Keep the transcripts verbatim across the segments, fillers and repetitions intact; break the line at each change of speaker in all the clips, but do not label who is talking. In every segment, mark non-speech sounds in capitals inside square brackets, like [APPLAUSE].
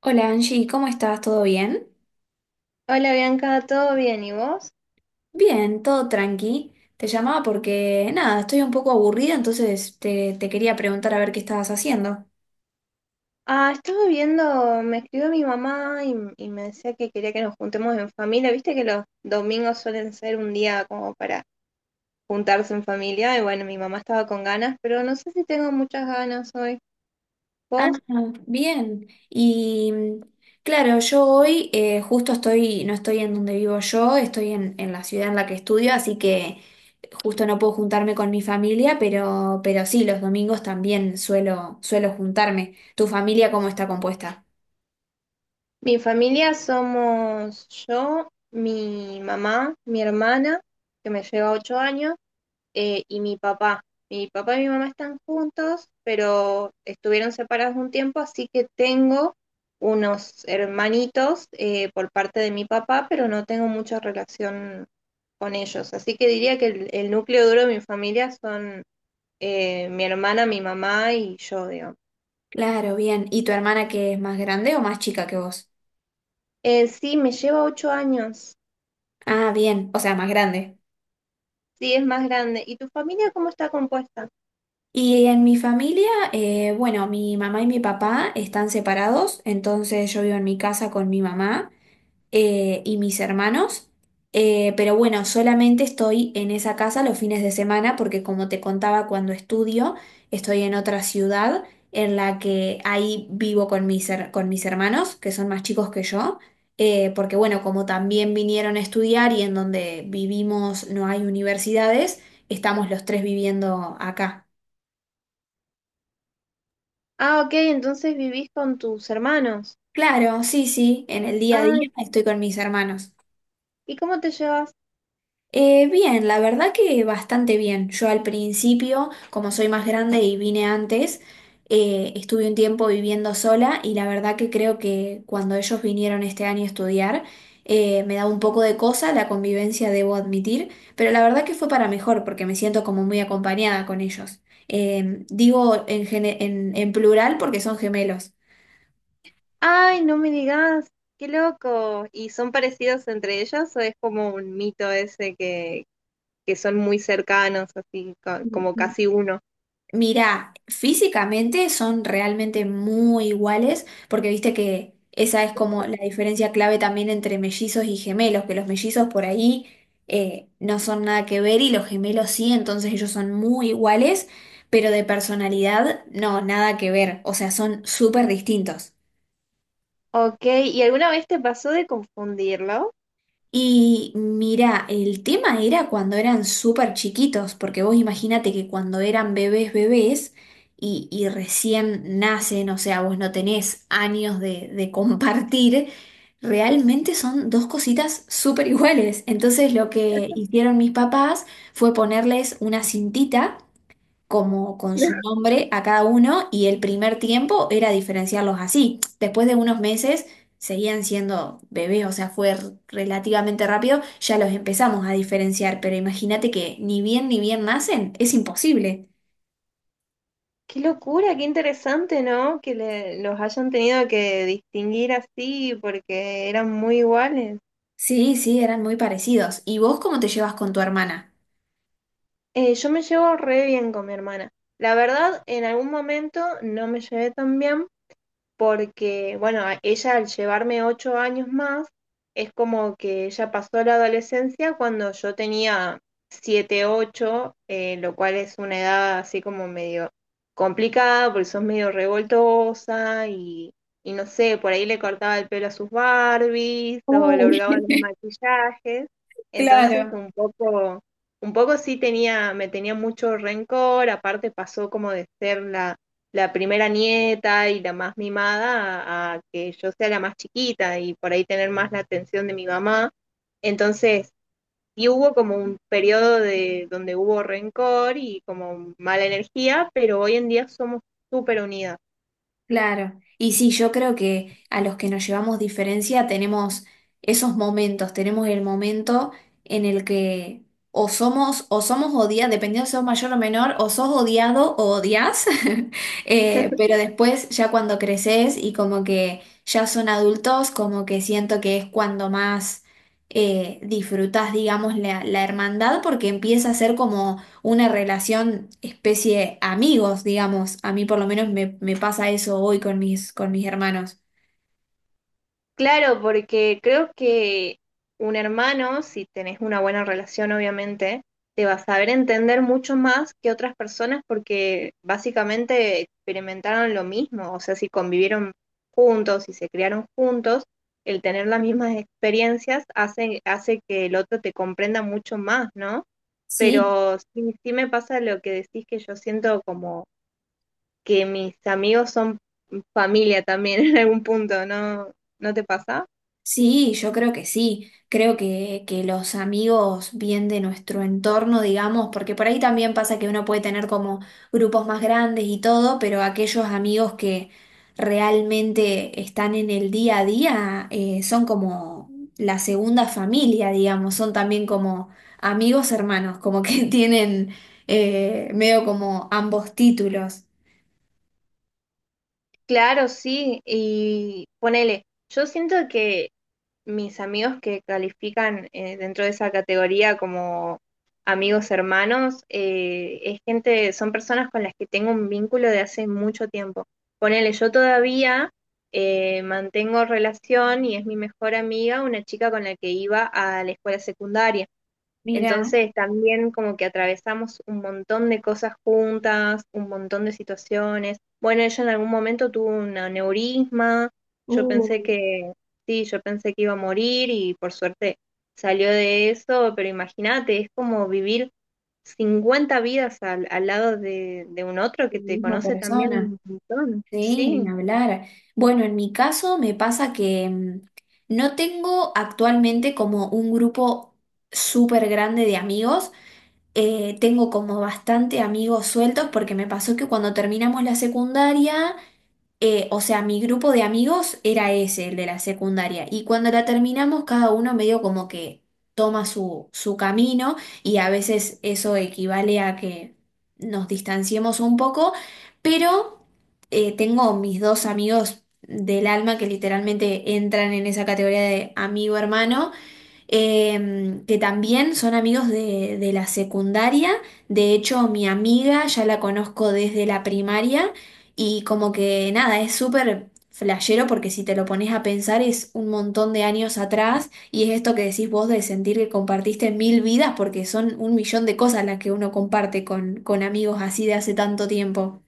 Hola Angie, ¿cómo estás? ¿Todo bien?
Hola Bianca, ¿todo bien? ¿Y vos?
Bien, todo tranqui. Te llamaba porque, nada, estoy un poco aburrida, entonces te, te quería preguntar a ver qué estabas haciendo.
Ah, estaba viendo, me escribió mi mamá y, y me decía que quería que nos juntemos en familia. Viste que los domingos suelen ser un día como para juntarse en familia y bueno, mi mamá estaba con ganas, pero no sé si tengo muchas ganas hoy.
Ah,
¿Vos?
bien. Y mm, claro, yo hoy eh, justo estoy, no estoy en donde vivo yo, estoy en, en la ciudad en la que estudio, así que justo no puedo juntarme con mi familia, pero, pero sí, los domingos también suelo, suelo juntarme. ¿Tu familia cómo está compuesta?
Mi familia somos yo, mi mamá, mi hermana, que me lleva ocho años, eh, y mi papá. Mi papá y mi mamá están juntos, pero estuvieron separados un tiempo, así que tengo unos hermanitos eh, por parte de mi papá, pero no tengo mucha relación con ellos. Así que diría que el, el núcleo duro de mi familia son eh, mi hermana, mi mamá y yo, digamos.
Claro, bien. ¿Y tu hermana que es más grande o más chica que vos?
Eh, sí, me lleva ocho años.
Ah, bien, o sea, más grande.
Sí, es más grande. ¿Y tu familia cómo está compuesta?
Y en mi familia, eh, bueno, mi mamá y mi papá están separados, entonces yo vivo en mi casa con mi mamá eh, y mis hermanos. Eh, pero bueno, solamente estoy en esa casa los fines de semana porque como te contaba cuando estudio, estoy en otra ciudad en la que ahí vivo con mis, her- con mis hermanos, que son más chicos que yo, eh, porque bueno, como también vinieron a estudiar y en donde vivimos no hay universidades, estamos los tres viviendo acá.
Ah, ok, entonces vivís con tus hermanos.
Claro, sí, sí, en el día a día
Ay,
estoy con mis hermanos.
¿y cómo te llevas?
Eh, bien, la verdad que bastante bien. Yo al principio, como soy más grande y vine antes, eh, estuve un tiempo viviendo sola y la verdad que creo que cuando ellos vinieron este año a estudiar, eh, me da un poco de cosa la convivencia, debo admitir, pero la verdad que fue para mejor porque me siento como muy acompañada con ellos. Eh, digo en, gene- en en plural porque son gemelos.
Ay, no me digas, qué loco. ¿Y son parecidos entre ellos o es como un mito ese que, que son muy cercanos, así co- como casi uno?
Mira, físicamente son realmente muy iguales, porque viste que esa es como la diferencia clave también entre mellizos y gemelos, que los mellizos por ahí eh, no son nada que ver y los gemelos sí, entonces ellos son muy iguales, pero de personalidad no, nada que ver, o sea, son súper distintos.
Ok, ¿y alguna vez te pasó de confundirlo?
Y mira, el tema era cuando eran súper chiquitos, porque vos imagínate que cuando eran bebés, bebés, y, y recién nacen, o sea, vos no tenés años de, de compartir, realmente son dos cositas súper iguales. Entonces lo que hicieron mis papás fue ponerles una cintita como con su
[LAUGHS]
nombre a cada uno y el primer tiempo era diferenciarlos así. Después de unos meses seguían siendo bebés, o sea, fue r- relativamente rápido, ya los empezamos a diferenciar, pero imagínate que ni bien ni bien nacen, es imposible.
Qué locura, qué interesante, ¿no? Que le- los hayan tenido que distinguir así porque eran muy iguales.
Sí, sí, eran muy parecidos. ¿Y vos cómo te llevas con tu hermana?
Eh, yo me llevo re bien con mi hermana. La verdad, en algún momento no me llevé tan bien porque, bueno, a- ella al llevarme ocho años más, es como que ella pasó la adolescencia cuando yo tenía siete, ocho, eh, lo cual es una edad así como medio complicada, porque sos medio revoltosa y, y no sé, por ahí le cortaba el pelo a sus Barbies o le
Uh,
hurgaba los maquillajes,
[LAUGHS]
entonces
claro.
un poco... Un poco sí tenía, me tenía mucho rencor, aparte pasó como de ser la, la primera nieta y la más mimada a, a que yo sea la más chiquita y por ahí tener más la atención de mi mamá. Entonces, sí hubo como un periodo de donde hubo rencor y como mala energía, pero hoy en día somos súper unidas.
Claro, y sí, yo creo que a los que nos llevamos diferencia tenemos esos momentos, tenemos el momento en el que o somos o somos odiados, dependiendo si sos mayor o menor, o sos odiado o odias. [LAUGHS] Eh, pero después ya cuando creces y como que ya son adultos, como que siento que es cuando más eh, disfrutas, digamos, la, la hermandad, porque empieza a ser como una relación especie amigos, digamos. A mí por lo menos me, me pasa eso hoy con mis, con mis hermanos.
Claro, porque creo que un hermano, si tenés una buena relación, obviamente, te va a saber entender mucho más que otras personas porque básicamente experimentaron lo mismo. O sea, si convivieron juntos, si se criaron juntos, el tener las mismas experiencias hace, hace que el otro te comprenda mucho más, ¿no?
Sí,
Pero sí, sí me pasa lo que decís que yo siento como que mis amigos son familia también [LAUGHS] en algún punto, ¿no? ¿No te pasa?
sí, yo creo que sí. Creo que, que los amigos bien de nuestro entorno, digamos, porque por ahí también pasa que uno puede tener como grupos más grandes y todo, pero aquellos amigos que realmente están en el día a día eh, son como la segunda familia, digamos, son también como amigos hermanos, como que [LAUGHS] tienen eh, medio como ambos títulos.
Claro, sí, y ponele, yo siento que mis amigos que califican eh, dentro de esa categoría como amigos hermanos, eh, es gente, son personas con las que tengo un vínculo de hace mucho tiempo. Ponele, yo todavía eh, mantengo relación y es mi mejor amiga, una chica con la que iba a la escuela secundaria.
Mira,
Entonces también como que atravesamos un montón de cosas juntas, un montón de situaciones. Bueno, ella en algún momento tuvo un aneurisma, yo pensé
uy,
que, sí, yo pensé que iba a morir y por suerte salió de eso, pero imagínate, es como vivir cincuenta vidas al, al lado de, de un otro
la
que te
misma
conoce también
persona.
un montón,
Sí, ni
sí.
hablar. Bueno, en mi caso me pasa que mm, no tengo actualmente como un grupo súper grande de amigos. Eh, tengo como bastante amigos sueltos porque me pasó que cuando terminamos la secundaria eh, o sea, mi grupo de amigos era ese, el de la secundaria. Y cuando la terminamos, cada uno medio como que toma su, su camino y a veces eso equivale a que nos distanciemos un poco, pero eh, tengo mis dos amigos del alma que literalmente entran en esa categoría de amigo hermano, eh, que también son amigos de, de la secundaria. De hecho, mi amiga ya la conozco desde la primaria y como que nada, es súper flashero porque si te lo pones a pensar es un montón de años atrás y es esto que decís vos de sentir que compartiste mil vidas porque son un millón de cosas las que uno comparte con, con amigos así de hace tanto tiempo.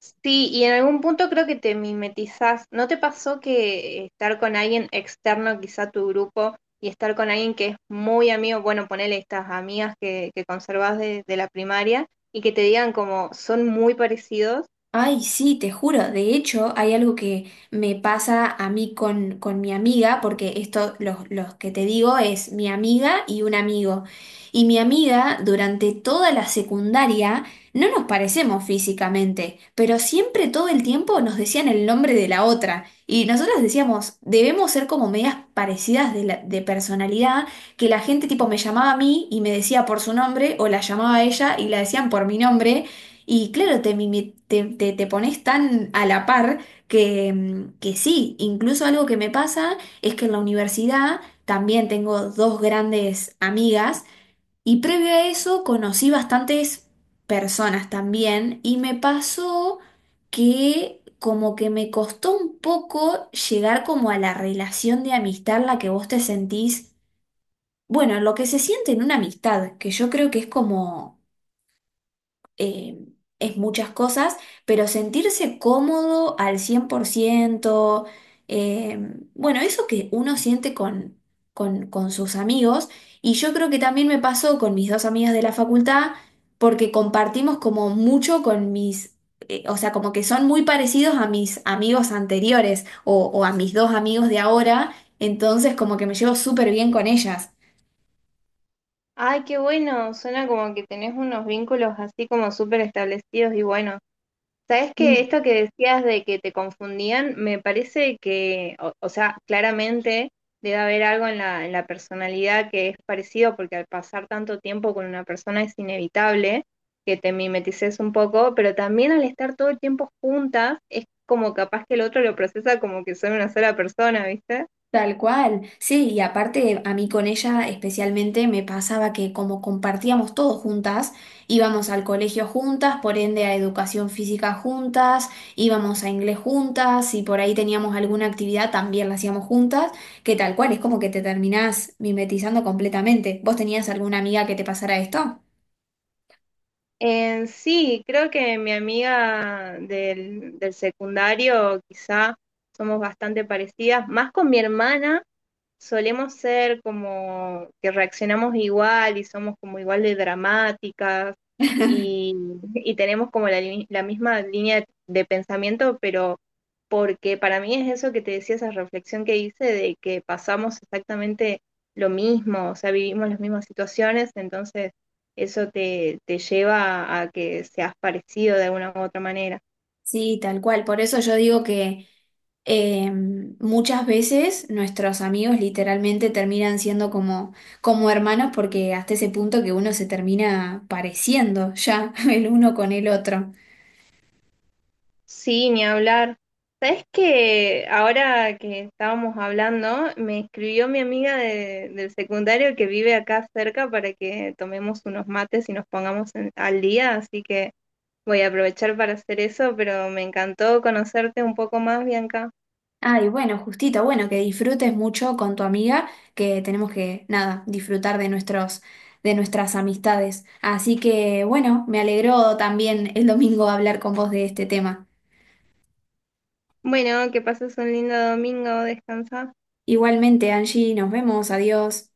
Sí, y en algún punto creo que te mimetizás. ¿No te pasó que estar con alguien externo, quizá a tu grupo, y estar con alguien que es muy amigo, bueno, ponele estas amigas que, que conservás de, de la primaria, y que te digan como son muy parecidos?
Ay, sí, te juro. De hecho, hay algo que me pasa a mí con, con mi amiga, porque esto, los, los que te digo, es mi amiga y un amigo. Y mi amiga, durante toda la secundaria, no nos parecemos físicamente, pero siempre todo el tiempo nos decían el nombre de la otra. Y nosotros decíamos, debemos ser como medias parecidas de, la- de personalidad, que la gente tipo me llamaba a mí y me decía por su nombre, o la llamaba a ella y la decían por mi nombre. Y claro, te, mimi- te, te- te pones tan a la par que, mm, que sí, incluso algo que me pasa es que en la universidad también tengo dos grandes amigas y previo a eso conocí bastantes personas también y me pasó que como que me costó un poco llegar como a la relación de amistad en la que vos te sentís, bueno, lo que se siente en una amistad, que yo creo que es como eh, es muchas cosas, pero sentirse cómodo al cien por ciento, eh, bueno, eso que uno siente con, con, con sus amigos, y yo creo que también me pasó con mis dos amigas de la facultad, porque compartimos como mucho con mis... eh, O sea, como que son muy parecidos a mis amigos anteriores o, o a mis dos amigos de ahora, entonces como que me llevo súper bien con ellas.
Ay, qué bueno, suena como que tenés unos vínculos así como súper establecidos y bueno. Sabes que esto que decías de que te confundían, me parece que, o, o sea, claramente debe haber algo en la, en la personalidad que es parecido, porque al pasar tanto tiempo con una persona es inevitable que te mimetices un poco, pero también al estar todo el tiempo juntas, es como capaz que el otro lo procesa como que son una sola persona, ¿viste?
Tal cual, sí, y aparte a mí con ella especialmente me pasaba que como compartíamos todo juntas, íbamos al colegio juntas, por ende a educación física juntas, íbamos a inglés juntas, y por ahí teníamos alguna actividad también la hacíamos juntas, que tal cual, es como que te terminás mimetizando completamente. ¿Vos tenías alguna amiga que te pasara esto?
Eh, sí, creo que mi amiga del, del secundario quizá somos bastante parecidas, más con mi hermana solemos ser como que reaccionamos igual y somos como igual de dramáticas
[LAUGHS]
y, y tenemos como la, li- la misma línea de pensamiento, pero porque para mí es eso que te decía, esa reflexión que hice de que pasamos exactamente lo mismo, o sea, vivimos las mismas situaciones, entonces eso te, te lleva a que seas parecido de alguna u otra manera.
Sí, tal cual. Por eso yo digo que eh, muchas veces nuestros amigos literalmente terminan siendo como, como hermanos porque hasta ese punto que uno se termina pareciendo ya [LAUGHS] el uno con el otro.
Sí, ni hablar. ¿Sabes que ahora que estábamos hablando, me escribió mi amiga de- del secundario que vive acá cerca para que tomemos unos mates y nos pongamos en- al día, así que voy a aprovechar para hacer eso, pero me encantó conocerte un poco más, Bianca.
Ay, bueno, justito, bueno, que disfrutes mucho con tu amiga, que tenemos que, nada, disfrutar de nuestros, de nuestras amistades. Así que, bueno, me alegró también el domingo hablar con vos de este tema.
Bueno, que pases un lindo domingo, descansa.
Igualmente, Angie, nos vemos, adiós.